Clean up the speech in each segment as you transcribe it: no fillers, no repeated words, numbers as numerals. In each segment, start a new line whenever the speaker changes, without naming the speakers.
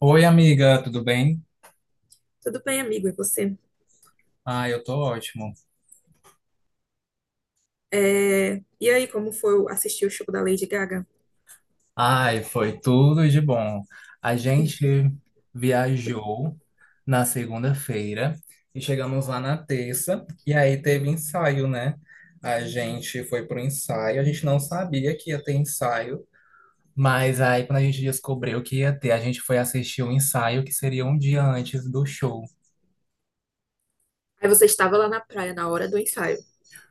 Oi, amiga, tudo bem?
Tudo bem, amigo, e você?
Ah, eu tô ótimo.
E aí, como foi assistir o show da Lady Gaga?
Ai, foi tudo de bom. A gente viajou na segunda-feira e chegamos lá na terça, e aí teve ensaio, né? A gente foi pro ensaio, a gente não sabia que ia ter ensaio, mas aí quando a gente descobriu que ia ter, a gente foi assistir o ensaio que seria um dia antes do show.
Aí você estava lá na praia na hora do ensaio.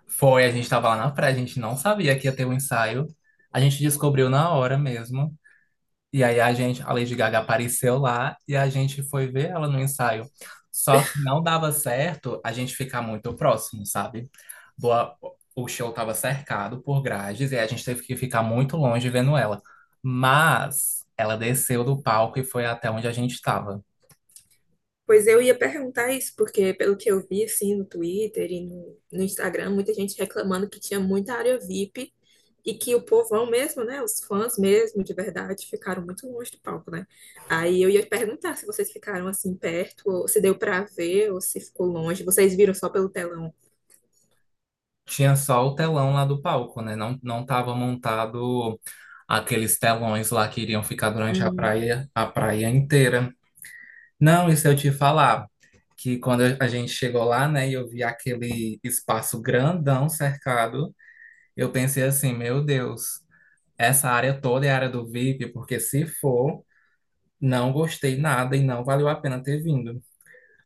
Foi, a gente tava lá na praia, a gente não sabia que ia ter um ensaio. A gente descobriu na hora mesmo. E aí a Lady Gaga apareceu lá e a gente foi ver ela no ensaio. Só que não dava certo a gente ficar muito próximo, sabe? Boa, o show estava cercado por grades e a gente teve que ficar muito longe vendo ela. Mas ela desceu do palco e foi até onde a gente estava.
Pois eu ia perguntar isso, porque pelo que eu vi assim no Twitter e no Instagram, muita gente reclamando que tinha muita área VIP e que o povão mesmo, né, os fãs mesmo, de verdade, ficaram muito longe do palco, né? Aí eu ia perguntar se vocês ficaram assim perto, ou se deu pra ver, ou se ficou longe. Vocês viram só pelo telão.
Tinha só o telão lá do palco, né? Não, não tava montado aqueles telões lá que iriam ficar durante
Hum,
a praia inteira. Não, isso eu te falar, que quando a gente chegou lá, né, e eu vi aquele espaço grandão cercado, eu pensei assim, meu Deus, essa área toda é área do VIP, porque se for, não gostei nada e não valeu a pena ter vindo.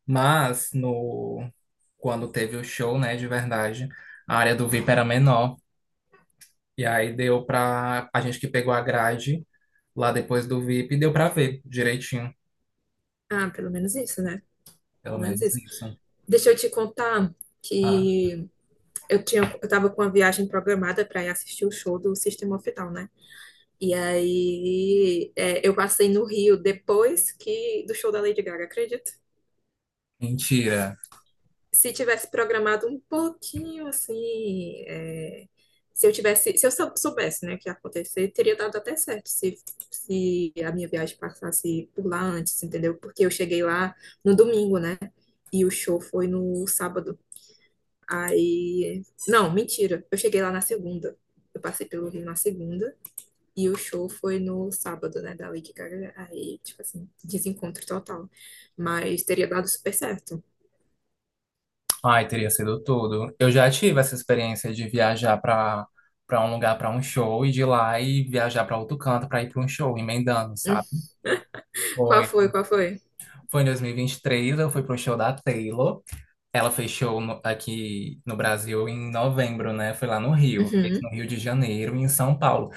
Mas no quando teve o show, né, de verdade, a área do VIP era menor, e aí deu pra a gente que pegou a grade lá depois do VIP, deu pra ver direitinho,
ah, pelo menos isso, né?
pelo
Pelo menos
menos
isso.
isso.
Deixa eu te contar
Ah,
que eu tava com a viagem programada para ir assistir o show do System of a Down, né? E aí, é, eu passei no Rio depois que do show da Lady Gaga, acredita?
mentira.
Se tivesse programado um pouquinho assim, é, se eu tivesse, se eu sou- soubesse, né, que ia acontecer, teria dado até certo se a minha viagem passasse por lá antes, entendeu? Porque eu cheguei lá no domingo, né? E o show foi no sábado. Aí, não, mentira, eu cheguei lá na segunda. Eu passei pelo Rio na segunda. E o show foi no sábado, né, da Lady Gaga. Aí, tipo assim, desencontro total. Mas teria dado super certo.
Ai, teria sido tudo. Eu já tive essa experiência de viajar para um lugar para um show e de lá e viajar para outro canto para ir para um show, emendando,
Hum.
sabe?
Qual
Foi,
foi? Qual foi?
foi, em dois mil e vinte e três eu fui pro show da Taylor. Ela fez show aqui no Brasil em novembro, né? Foi lá no Rio, fez
Uhum,
no Rio de Janeiro e em São Paulo.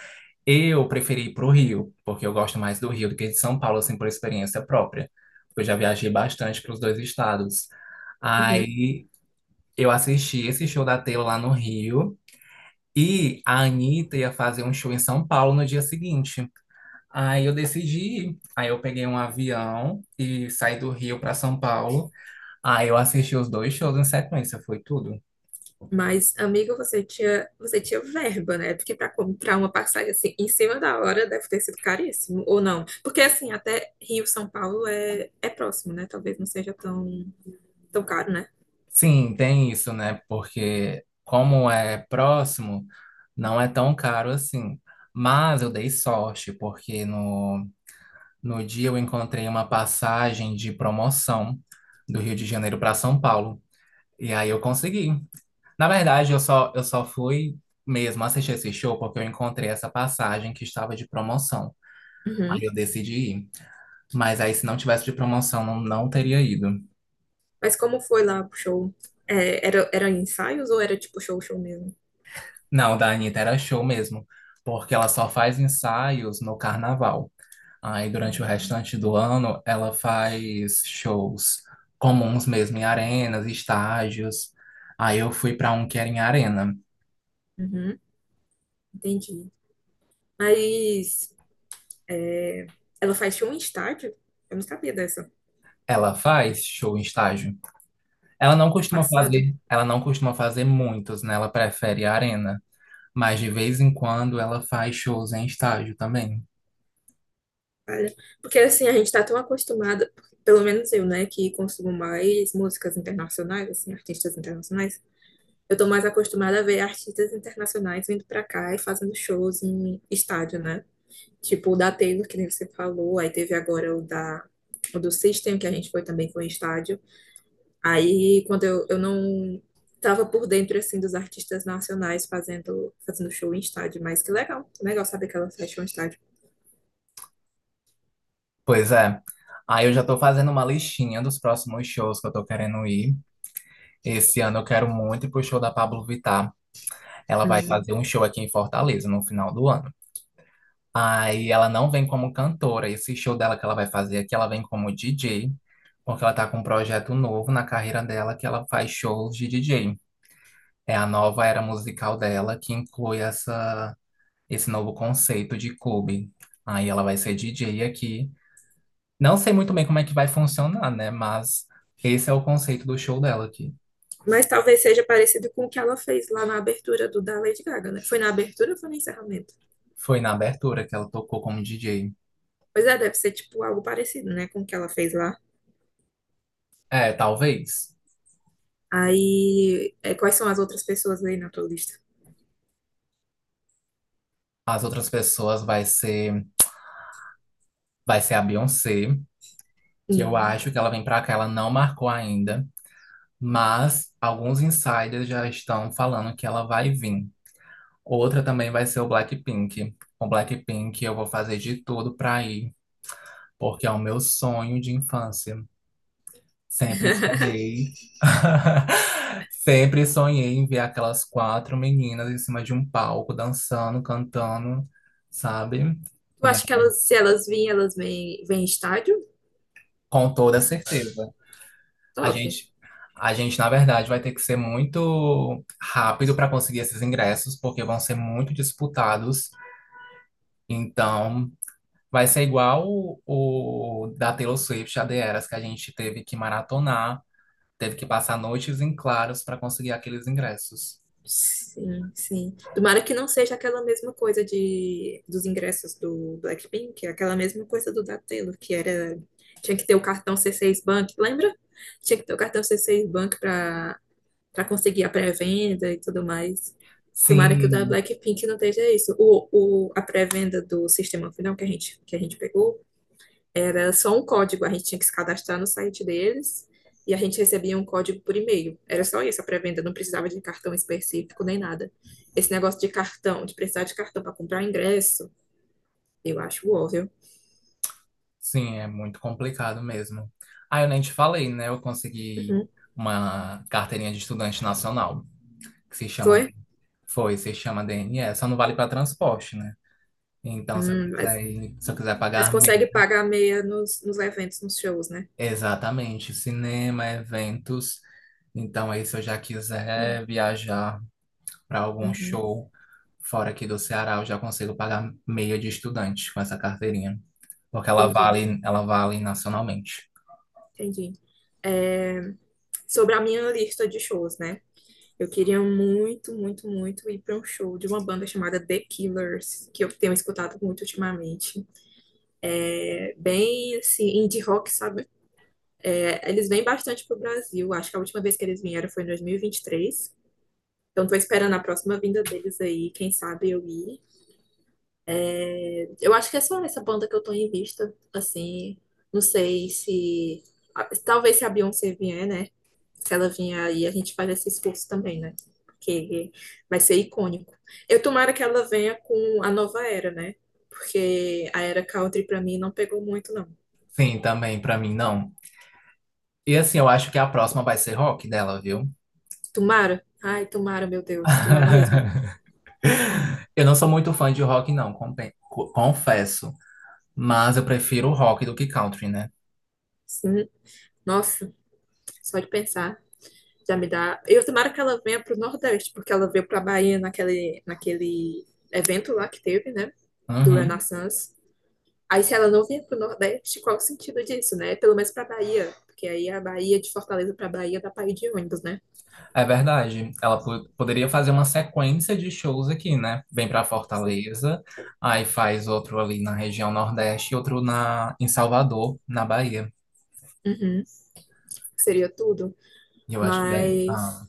Eu preferi ir pro Rio, porque eu gosto mais do Rio do que de São Paulo, assim, por experiência própria. Eu já viajei bastante para os dois estados.
uhum.
Aí eu assisti esse show da Taylor lá no Rio e a Anitta ia fazer um show em São Paulo no dia seguinte. Aí eu decidi ir. Aí eu peguei um avião e saí do Rio para São Paulo. Aí eu assisti os dois shows em sequência, foi tudo.
Mas, amigo, você tinha verba, né? Porque para comprar uma passagem assim em cima da hora deve ter sido caríssimo, ou não? Porque assim, até Rio, São Paulo é próximo, né? Talvez não seja tão, tão caro, né?
Sim, tem isso, né? Porque como é próximo, não é tão caro assim. Mas eu dei sorte, porque no dia eu encontrei uma passagem de promoção do Rio de Janeiro para São Paulo. E aí eu consegui. Na verdade, eu só fui mesmo assistir esse show porque eu encontrei essa passagem que estava de promoção. Aí
Uhum.
eu decidi ir. Mas aí, se não tivesse de promoção, não, não teria ido.
Mas como foi lá pro show? Era ensaios ou era tipo show, show mesmo?
Não, o da Anitta era show mesmo, porque ela só faz ensaios no carnaval. Aí, durante o
Uhum.
restante do ano, ela faz shows comuns mesmo, em arenas, estágios. Aí eu fui para um que era em arena.
Uhum. Entendi. Mas é, ela faz show em estádio. Eu não sabia dessa.
Ela faz show em estágio.
Passado.
Ela não costuma fazer muitos, né? Ela prefere a arena, mas de vez em quando ela faz shows em estádio também.
Olha. Porque assim, a gente tá tão acostumada, pelo menos eu, né, que consumo mais músicas internacionais, assim, artistas internacionais. Eu tô mais acostumada a ver artistas internacionais vindo pra cá e fazendo shows em estádio, né? Tipo o da Taylor, que nem você falou, aí teve agora o do System, que a gente foi também com o estádio. Aí, quando eu não estava por dentro, assim, dos artistas nacionais fazendo show em estádio, mas que legal, legal saber que ela faz show em estádio.
Pois é. Aí eu já tô fazendo uma listinha dos próximos shows que eu tô querendo ir. Esse ano eu quero muito ir pro show da Pablo Vittar. Ela vai
Hum.
fazer um show aqui em Fortaleza no final do ano. Aí ela não vem como cantora. Esse show dela que ela vai fazer aqui, ela vem como DJ, porque ela tá com um projeto novo na carreira dela que ela faz shows de DJ. É a nova era musical dela que inclui esse novo conceito de clube. Aí ela vai ser DJ aqui. Não sei muito bem como é que vai funcionar, né? Mas esse é o conceito do show dela aqui.
Mas talvez seja parecido com o que ela fez lá na abertura do da Lady Gaga, né? Foi na abertura ou foi no encerramento?
Foi na abertura que ela tocou como DJ.
Pois é, deve ser, tipo, algo parecido, né, com o que ela fez lá.
É, talvez.
Aí, é, quais são as outras pessoas aí na tua lista?
As outras pessoas vai ser a Beyoncé, que eu
Hum.
acho que ela vem pra cá, ela não marcou ainda. Mas alguns insiders já estão falando que ela vai vir. Outra também vai ser o Blackpink. Com Blackpink eu vou fazer de tudo pra ir, porque é o meu sonho de infância. Sempre sonhei. Sempre sonhei em ver aquelas quatro meninas em cima de um palco, dançando, cantando, sabe?
Tu
E aí,
acha que se vêm em estádio?
com toda certeza. A
Top.
gente, a gente, na verdade, vai ter que ser muito rápido para conseguir esses ingressos, porque vão ser muito disputados. Então, vai ser igual o da Taylor Swift, a The Eras, que a gente teve que maratonar, teve que passar noites em claros para conseguir aqueles ingressos.
Sim, sim. Tomara que não seja aquela mesma coisa de dos ingressos do Blackpink, é aquela mesma coisa do da Taylor, que era tinha que ter o cartão C6 Bank, lembra? Tinha que ter o cartão C6 Bank para conseguir a pré-venda e tudo mais. Tomara que o da
Sim,
Blackpink não esteja isso. A pré-venda do sistema final que a gente pegou era só um código, a gente tinha que se cadastrar no site deles e a gente recebia um código por e-mail. Era só isso a pré-venda, não precisava de cartão específico nem nada. Esse negócio de cartão, de precisar de cartão para comprar ingresso, eu acho óbvio.
sim, é muito complicado mesmo. Ah, eu nem te falei, né? Eu consegui
Uhum.
uma carteirinha de estudante nacional, que se chama,
Foi?
Foi, se chama DNE, só não vale para transporte, né? Então,
Hum, mas,
se eu quiser
mas
pagar
consegue
meia,
pagar meia nos eventos, nos shows, né?
exatamente, cinema, eventos. Então, aí, se eu já
Hum,
quiser viajar para algum
uhum.
show fora aqui do Ceará, eu já consigo pagar meia de estudante com essa carteirinha, porque
Entendi,
ela vale nacionalmente.
entendi. É, sobre a minha lista de shows, né? Eu queria muito, muito, muito ir para um show de uma banda chamada The Killers, que eu tenho escutado muito ultimamente. É bem assim, indie rock, sabe? É, eles vêm bastante pro Brasil. Acho que a última vez que eles vieram foi em 2023. Então tô esperando a próxima vinda deles aí, quem sabe eu ir. Eu acho que é só essa banda que eu tô em vista, assim. Não sei se. Ah, talvez se a Beyoncé vier, né? Se ela vier aí, a gente faz esse esforço também, né? Porque vai ser icônico. Eu tomara que ela venha com a nova era, né? Porque a era country pra mim não pegou muito, não.
Sim, também para mim não. E assim, eu acho que a próxima vai ser rock dela, viu?
Tomara. Ai, tomara, meu Deus. Tomara mesmo.
Eu não sou muito fã de rock, não, confesso. Mas eu prefiro rock do que country, né?
Sim. Nossa, só de pensar já me dá. Eu tomara que ela venha pro Nordeste, porque ela veio pra Bahia naquele evento lá que teve, né, do
Uhum.
Renaissance. Aí, se ela não vier pro Nordeste, qual o sentido disso, né? Pelo menos pra Bahia, porque aí a Bahia, de Fortaleza pra Bahia, dá pra ir de ônibus, né?
É verdade. Ela poderia fazer uma sequência de shows aqui, né? Vem para Fortaleza, aí faz outro ali na região Nordeste e outro na, em Salvador, na Bahia.
Uhum, seria tudo.
E Eu acho que daí- ah,
Mas,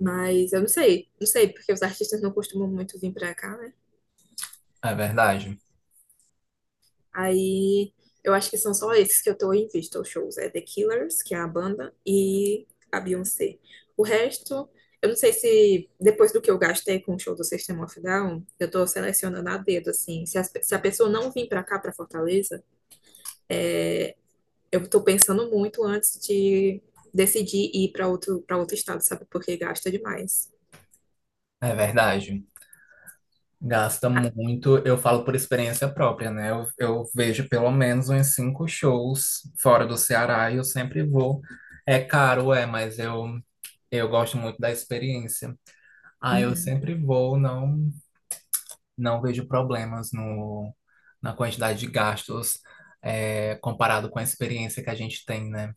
mas eu não sei, não sei, porque os artistas não costumam muito vir pra cá, né?
é verdade.
Aí eu acho que são só esses que eu tô em vista, os shows. É The Killers, que é a banda, e a Beyoncé. O resto, eu não sei se depois do que eu gastei com o show do System of a Down, eu tô selecionando a dedo, assim. Se a pessoa não vir pra cá, pra Fortaleza, eu tô pensando muito antes de decidir ir pra outro, para outro estado, sabe? Porque gasta demais.
É verdade. Gasta
Ah,
muito, eu falo por experiência própria, né? Eu vejo pelo menos uns cinco shows fora do Ceará e eu sempre vou. É caro, é, mas eu gosto muito da experiência. Ah, eu
uhum.
sempre vou, não. Não vejo problemas no, na quantidade de gastos comparado com a experiência que a gente tem, né?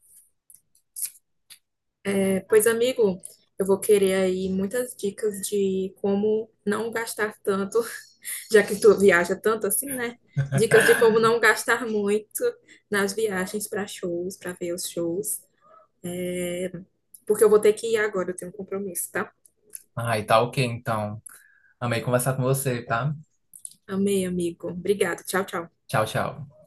Pois, amigo, eu vou querer aí muitas dicas de como não gastar tanto, já que tu viaja tanto assim, né? Dicas de como não gastar muito nas viagens para shows, para ver os shows, porque eu vou ter que ir agora, eu tenho um compromisso, tá?
Ah, e tá ok, então. Amei conversar com você, tá?
Amei, amigo. Obrigada. Tchau, tchau.
Tchau, tchau.